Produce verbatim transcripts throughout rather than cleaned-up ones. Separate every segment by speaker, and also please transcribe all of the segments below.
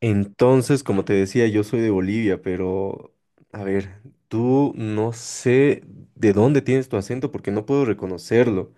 Speaker 1: Entonces, como te decía, yo soy de Bolivia, pero a ver, tú no sé de dónde tienes tu acento porque no puedo reconocerlo.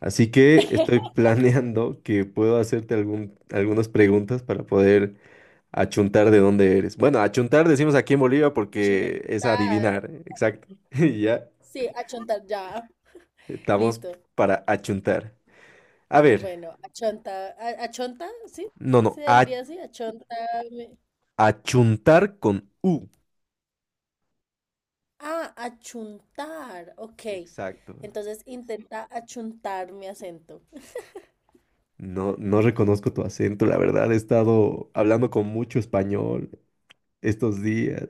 Speaker 1: Así que estoy planeando que puedo hacerte algún, algunas preguntas para poder achuntar de dónde eres. Bueno, achuntar decimos aquí en Bolivia porque es
Speaker 2: Achontar.
Speaker 1: adivinar, ¿eh? Exacto. Y ya
Speaker 2: Sí, achontar ya.
Speaker 1: estamos
Speaker 2: Listo.
Speaker 1: para achuntar. A ver,
Speaker 2: Bueno, achonta. A- ¿Achonta? Sí,
Speaker 1: no,
Speaker 2: sí, sí,
Speaker 1: no,
Speaker 2: se
Speaker 1: a-
Speaker 2: diría así. Achonta.
Speaker 1: achuntar con U.
Speaker 2: Ah, achuntar. Ok.
Speaker 1: Exacto.
Speaker 2: Entonces intenta achuntar mi acento.
Speaker 1: No, no reconozco tu acento, la verdad, he estado hablando con mucho español estos días.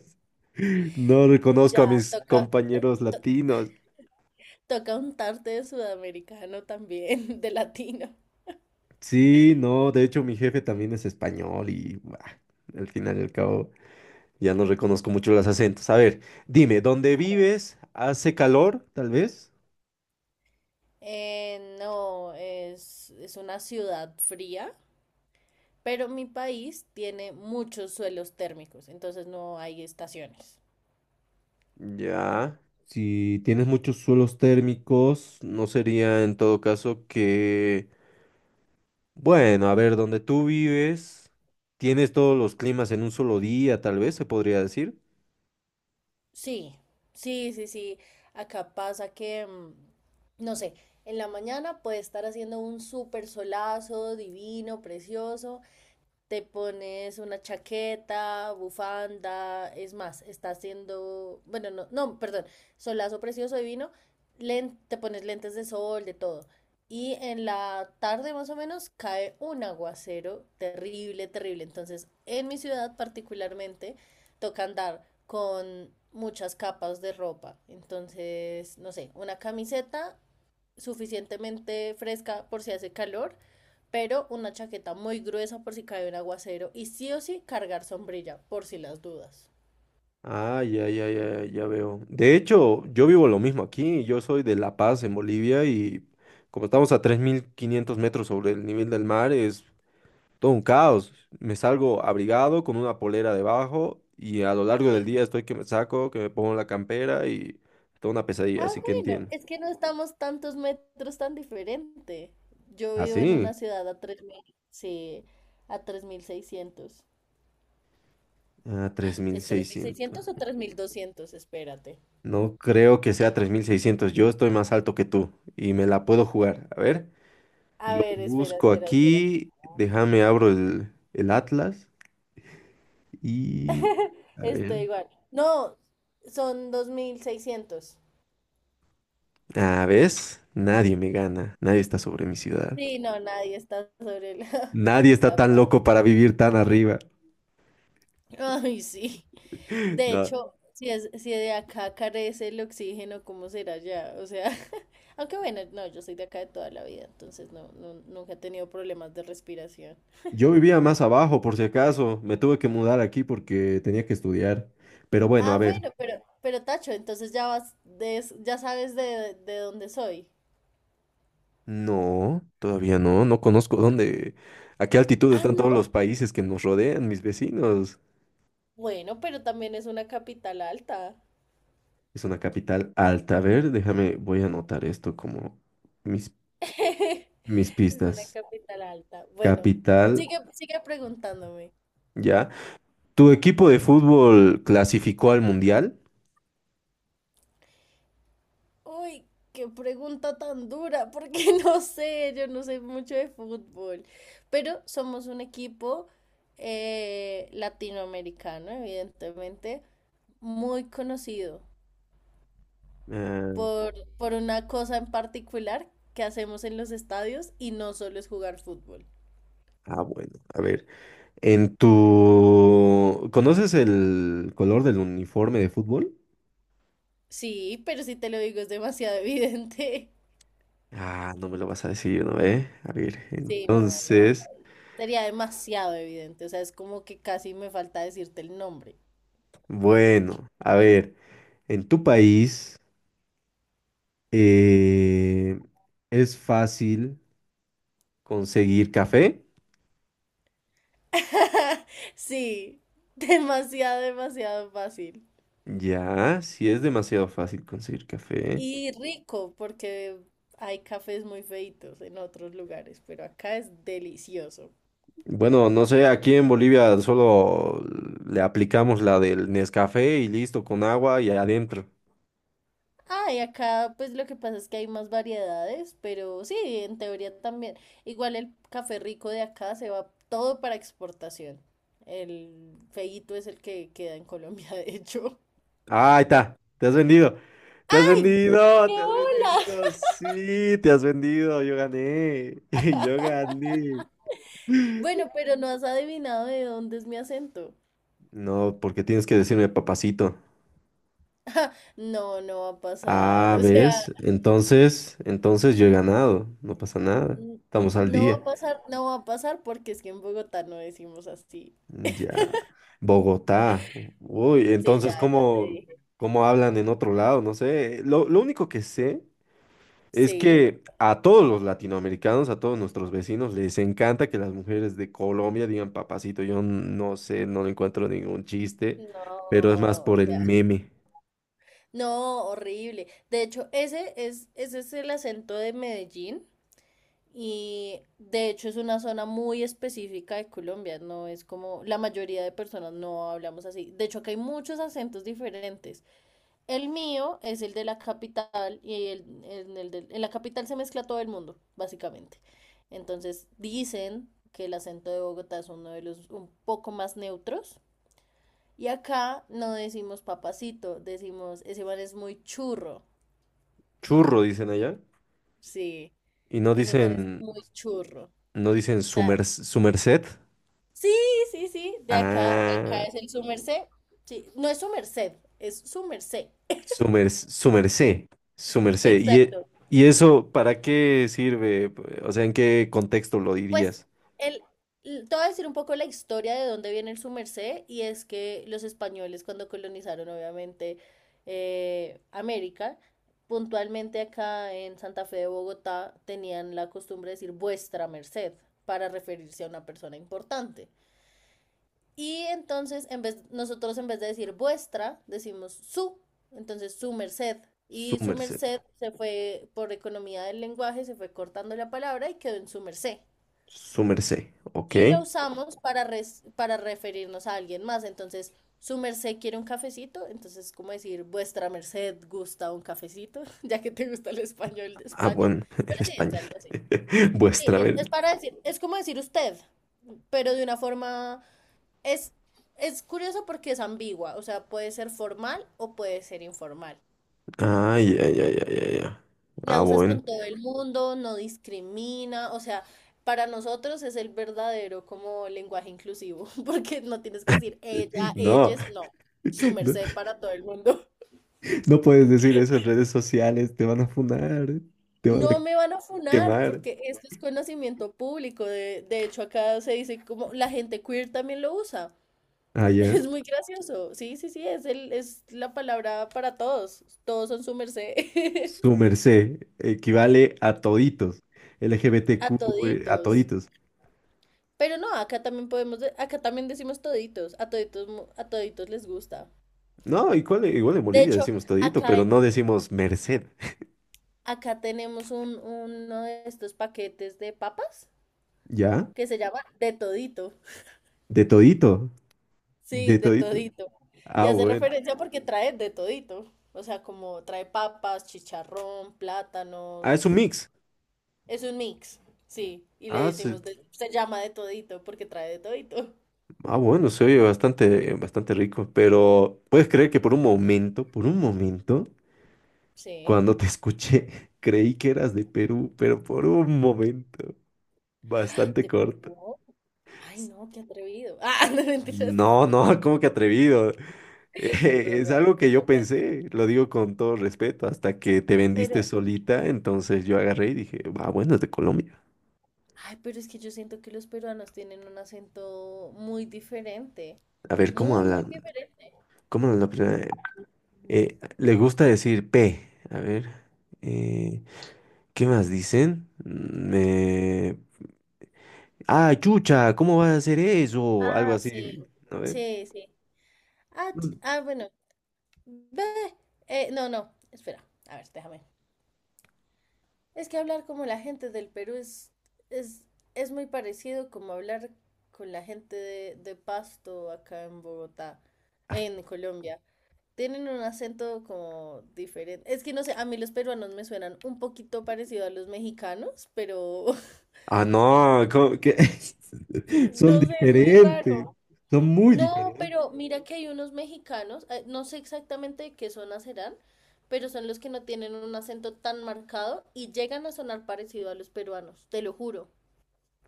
Speaker 1: No reconozco
Speaker 2: Ya,
Speaker 1: a mis
Speaker 2: toca.
Speaker 1: compañeros latinos.
Speaker 2: Toca untarte de sudamericano también, de latino.
Speaker 1: Sí, no, de hecho mi jefe también es español y bah, al final y al cabo ya no reconozco mucho los acentos. A ver, dime, ¿dónde vives? ¿Hace calor, tal vez?
Speaker 2: Eh, no, es, es una ciudad fría, pero mi país tiene muchos suelos térmicos, entonces no hay estaciones.
Speaker 1: Ya. Si tienes muchos suelos térmicos, ¿no sería en todo caso que bueno, a ver, donde tú vives, tienes todos los climas en un solo día, tal vez se podría decir.
Speaker 2: Sí, sí, sí, sí. Acá pasa que, mm, no sé, en la mañana puede estar haciendo un súper solazo divino, precioso, te pones una chaqueta, bufanda, es más, está haciendo, bueno, no, no, perdón, solazo precioso divino, len- te pones lentes de sol, de todo. Y en la tarde más o menos cae un aguacero terrible, terrible. Entonces, en mi ciudad particularmente, toca andar con muchas capas de ropa. Entonces, no sé, una camiseta suficientemente fresca por si hace calor, pero una chaqueta muy gruesa por si cae un aguacero y sí o sí cargar sombrilla por si las dudas.
Speaker 1: Ah, ya, ya, ya, ya veo. De hecho, yo vivo lo mismo aquí. Yo soy de La Paz, en Bolivia, y como estamos a tres mil quinientos metros sobre el nivel del mar, es todo un caos. Me salgo abrigado con una polera debajo y a lo largo
Speaker 2: Sí.
Speaker 1: del día estoy que me saco, que me pongo la campera y toda una pesadilla,
Speaker 2: Ah,
Speaker 1: así que
Speaker 2: bueno,
Speaker 1: entiendo.
Speaker 2: es que no estamos tantos metros tan diferente. Yo
Speaker 1: ¿Ah,
Speaker 2: vivo en una
Speaker 1: sí?
Speaker 2: ciudad a tres mil, sí, a tres mil seiscientos.
Speaker 1: Ah, tres mil
Speaker 2: ¿Es tres mil
Speaker 1: seiscientos.
Speaker 2: seiscientos o tres mil doscientos? Espérate.
Speaker 1: No creo que sea tres mil seiscientos. Yo estoy más alto que tú y me la puedo jugar. A ver,
Speaker 2: A
Speaker 1: yo
Speaker 2: ver, espera,
Speaker 1: busco
Speaker 2: espera, espera.
Speaker 1: aquí. Déjame, abro el, el Atlas y... A ver.
Speaker 2: Estoy igual. No, son dos mil seiscientos.
Speaker 1: ¿A ves? Nadie me gana. Nadie está sobre mi ciudad.
Speaker 2: Sí, no, nadie está sobre la,
Speaker 1: Nadie está
Speaker 2: la
Speaker 1: tan
Speaker 2: paz.
Speaker 1: loco para vivir tan arriba.
Speaker 2: Ay, sí. De
Speaker 1: No.
Speaker 2: hecho, si es, si de acá carece el oxígeno, ¿cómo será ya? O sea, aunque bueno, no, yo soy de acá de toda la vida, entonces no, no, nunca he tenido problemas de respiración.
Speaker 1: Yo vivía más abajo, por si acaso. Me tuve que mudar aquí porque tenía que estudiar. Pero bueno,
Speaker 2: Ah,
Speaker 1: a ver.
Speaker 2: bueno, pero, pero Tacho, entonces ya vas, des- ya sabes de, de dónde soy.
Speaker 1: No, todavía no, no conozco dónde, a qué altitud
Speaker 2: Ah,
Speaker 1: están
Speaker 2: no.
Speaker 1: todos los países que nos rodean, mis vecinos.
Speaker 2: Bueno, pero también es una capital alta.
Speaker 1: Es una capital alta. A ver, déjame, voy a anotar esto como mis, mis
Speaker 2: Es una
Speaker 1: pistas.
Speaker 2: capital alta. Bueno,
Speaker 1: Capital,
Speaker 2: sigue, sigue preguntándome.
Speaker 1: ya. ¿Tu equipo de fútbol clasificó al mundial?
Speaker 2: Uy, qué pregunta tan dura, porque no sé, yo no sé mucho de fútbol, pero somos un equipo eh, latinoamericano, evidentemente, muy conocido
Speaker 1: Ah,
Speaker 2: por, por una cosa en particular que hacemos en los estadios y no solo es jugar fútbol.
Speaker 1: ah, bueno, a ver. En tu... ¿Conoces el color del uniforme de fútbol?
Speaker 2: Sí, pero si te lo digo es demasiado evidente.
Speaker 1: Ah, no me lo vas a decir, ¿no? Eh, a ver,
Speaker 2: Sí, no, no,
Speaker 1: entonces...
Speaker 2: sería demasiado evidente, o sea, es como que casi me falta decirte el nombre.
Speaker 1: Bueno, a ver, en tu país, eh, es fácil conseguir café.
Speaker 2: Sí, demasiado, demasiado fácil.
Speaker 1: Ya, sí es demasiado fácil conseguir café.
Speaker 2: Y rico, porque hay cafés muy feitos en otros lugares, pero acá es delicioso.
Speaker 1: Bueno, no sé, aquí en Bolivia solo le aplicamos la del Nescafé y listo, con agua y adentro.
Speaker 2: Ah, y acá pues lo que pasa es que hay más variedades, pero sí, en teoría también. Igual el café rico de acá se va todo para exportación. El feíto es el que queda en Colombia, de hecho.
Speaker 1: Ah, ahí está, te has vendido, te has
Speaker 2: ¡Ay! ¡Qué
Speaker 1: vendido, te has
Speaker 2: bola!
Speaker 1: vendido, sí, te has vendido, yo gané, yo gané.
Speaker 2: Bueno, pero no has adivinado de dónde es mi acento.
Speaker 1: No, porque tienes que decirme papacito.
Speaker 2: No, no va a pasar,
Speaker 1: Ah,
Speaker 2: o sea,
Speaker 1: ¿ves? Entonces, entonces, yo he ganado, no pasa nada,
Speaker 2: n-
Speaker 1: estamos al
Speaker 2: no va a
Speaker 1: día.
Speaker 2: pasar, no va a pasar porque es que en Bogotá no decimos así.
Speaker 1: Mm, ya, Bogotá. Uy,
Speaker 2: Sí, ya,
Speaker 1: entonces,
Speaker 2: ya te
Speaker 1: ¿cómo,
Speaker 2: dije.
Speaker 1: cómo hablan en otro lado? No sé. Lo, lo único que sé es
Speaker 2: Sí.
Speaker 1: que a todos los latinoamericanos, a todos nuestros vecinos, les encanta que las mujeres de Colombia digan papacito. Yo no sé, no le encuentro ningún chiste, pero es más
Speaker 2: No, o
Speaker 1: por el
Speaker 2: sea,
Speaker 1: meme.
Speaker 2: no, horrible. De hecho, ese es, ese es el acento de Medellín y de hecho es una zona muy específica de Colombia, no es como la mayoría de personas no hablamos así. De hecho, acá hay muchos acentos diferentes. El mío es el de la capital y el, en, el de- en la capital se mezcla todo el mundo, básicamente. Entonces dicen que el acento de Bogotá es uno de los un poco más neutros. Y acá no decimos papacito, decimos ese man es muy churro.
Speaker 1: Churro, dicen allá.
Speaker 2: Sí,
Speaker 1: Y no
Speaker 2: ese man es
Speaker 1: dicen,
Speaker 2: muy churro. O
Speaker 1: no dicen su
Speaker 2: sea,
Speaker 1: merc- su merced.
Speaker 2: sí, sí, sí, de acá, acá
Speaker 1: Ah,
Speaker 2: es el su merced. Sí, no es su merced, es su merced.
Speaker 1: su mer- su merced, su merced. ¿Y, e-
Speaker 2: Exacto.
Speaker 1: y eso para qué sirve? O sea, ¿en qué contexto lo
Speaker 2: Pues
Speaker 1: dirías?
Speaker 2: el, l- te voy a decir un poco la historia de dónde viene el sumercé y es que los españoles cuando colonizaron obviamente eh, América, puntualmente acá en Santa Fe de Bogotá tenían la costumbre de decir vuestra merced para referirse a una persona importante. Y entonces en vez, nosotros en vez de decir vuestra decimos su, entonces su merced.
Speaker 1: Su
Speaker 2: Y su
Speaker 1: merced,
Speaker 2: merced se fue por economía del lenguaje, se fue cortando la palabra y quedó en su merced
Speaker 1: su merced, ok.
Speaker 2: y lo usamos para, res- para referirnos a alguien más. Entonces, su merced quiere un cafecito, entonces es como decir, vuestra merced gusta un cafecito, ya que te gusta el español de
Speaker 1: Ah,
Speaker 2: España,
Speaker 1: bueno, en
Speaker 2: pero sí, es
Speaker 1: español.
Speaker 2: algo así. Sí,
Speaker 1: Vuestra
Speaker 2: es, es
Speaker 1: merced.
Speaker 2: para decir, es como decir usted, pero de una forma, es, es curioso porque es ambigua, o sea, puede ser formal o puede ser informal.
Speaker 1: Ah, ya, ya, ya, ya, ya.
Speaker 2: La
Speaker 1: Ah,
Speaker 2: usas
Speaker 1: bueno.
Speaker 2: con todo el mundo, no discrimina, o sea, para nosotros es el verdadero como lenguaje inclusivo, porque no tienes que decir ella,
Speaker 1: No,
Speaker 2: ellas, no, su
Speaker 1: no,
Speaker 2: merced para todo el mundo.
Speaker 1: no puedes decir eso en redes sociales, te van a funar, te van a
Speaker 2: No me van a funar
Speaker 1: quemar.
Speaker 2: porque esto es conocimiento público, de, de hecho acá se dice como la gente queer también lo usa,
Speaker 1: Ah, ya.
Speaker 2: es muy gracioso, sí, sí, sí, es, el, es la palabra para todos, todos son su merced,
Speaker 1: Su merced equivale a toditos,
Speaker 2: a
Speaker 1: L G B T Q, eh, a
Speaker 2: toditos.
Speaker 1: toditos.
Speaker 2: Pero no, acá también podemos, de- acá también decimos toditos, a toditos, mo- a toditos les gusta.
Speaker 1: No, igual, igual en
Speaker 2: De
Speaker 1: Bolivia
Speaker 2: hecho,
Speaker 1: decimos todito,
Speaker 2: acá,
Speaker 1: pero
Speaker 2: hay-
Speaker 1: no decimos merced,
Speaker 2: acá tenemos un, uno de estos paquetes de papas
Speaker 1: ¿ya?
Speaker 2: que se llama de todito.
Speaker 1: De todito,
Speaker 2: Sí,
Speaker 1: de
Speaker 2: de
Speaker 1: todito.
Speaker 2: todito. Y
Speaker 1: Ah,
Speaker 2: hace
Speaker 1: bueno.
Speaker 2: referencia porque trae de todito. O sea, como trae papas, chicharrón,
Speaker 1: Ah, es un
Speaker 2: plátanos.
Speaker 1: mix.
Speaker 2: Es un mix, sí. Y le
Speaker 1: Ah, se-
Speaker 2: decimos, de- se llama de todito porque trae de todito.
Speaker 1: ah, bueno, se oye bastante, bastante rico, pero puedes creer que por un momento, por un momento,
Speaker 2: Sí.
Speaker 1: cuando te escuché, creí que eras de Perú, pero por un momento, bastante
Speaker 2: ¿Te
Speaker 1: corto.
Speaker 2: pegó? Ay, no, qué atrevido. Ah, no mentiras.
Speaker 1: No, no, ¿cómo que atrevido?
Speaker 2: Es
Speaker 1: Es
Speaker 2: bromeando,
Speaker 1: algo que yo
Speaker 2: bromeando.
Speaker 1: pensé, lo digo con todo respeto, hasta que te vendiste
Speaker 2: Pero,
Speaker 1: solita, entonces yo agarré y dije, ah, bueno, es de Colombia.
Speaker 2: ay, pero es que yo siento que los peruanos tienen un acento muy diferente.
Speaker 1: A ver, ¿cómo
Speaker 2: Muy, muy
Speaker 1: hablan?
Speaker 2: diferente.
Speaker 1: ¿Cómo hablan la primera? Eh, les gusta decir P. A ver, eh, ¿qué más dicen? Mm, eh, ah, chucha, ¿cómo vas a hacer eso? Algo
Speaker 2: Ah, sí.
Speaker 1: así, a ver.
Speaker 2: Sí, sí. Ah,
Speaker 1: Mm.
Speaker 2: ch- ah, bueno. ve- eh, no, no. Espera. A ver, déjame. Es que hablar como la gente del Perú es, es, es muy parecido como hablar con la gente de, de Pasto acá en Bogotá, en Colombia. Tienen un acento como diferente. Es que no sé, a mí los peruanos me suenan un poquito parecido a los mexicanos, pero
Speaker 1: Ah, no, ¿cómo, qué? Son
Speaker 2: no sé, es muy
Speaker 1: diferentes,
Speaker 2: raro.
Speaker 1: son muy
Speaker 2: No,
Speaker 1: diferentes.
Speaker 2: pero mira que hay unos mexicanos, eh, no sé exactamente de qué zona serán, pero son los que no tienen un acento tan marcado y llegan a sonar parecido a los peruanos, te lo juro.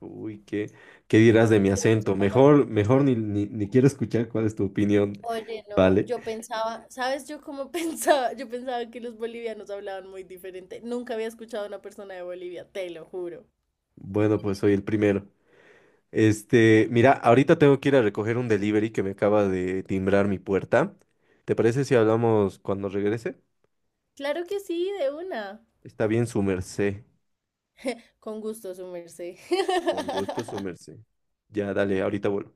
Speaker 1: Uy, ¿qué, qué dirás de mi
Speaker 2: Creo que son
Speaker 1: acento?
Speaker 2: como-
Speaker 1: Mejor, mejor ni, ni, ni quiero escuchar cuál es tu opinión.
Speaker 2: Oye, no,
Speaker 1: Vale.
Speaker 2: yo pensaba, ¿sabes yo cómo pensaba? Yo pensaba que los bolivianos hablaban muy diferente. Nunca había escuchado a una persona de Bolivia, te lo juro.
Speaker 1: Bueno, pues soy el primero. Este, mira, ahorita tengo que ir a recoger un delivery que me acaba de timbrar mi puerta. ¿Te parece si hablamos cuando regrese?
Speaker 2: Claro que sí, de una.
Speaker 1: Está bien, su merced.
Speaker 2: Con gusto, su merced.
Speaker 1: Con gusto, su merced. Ya, dale, ahorita vuelvo.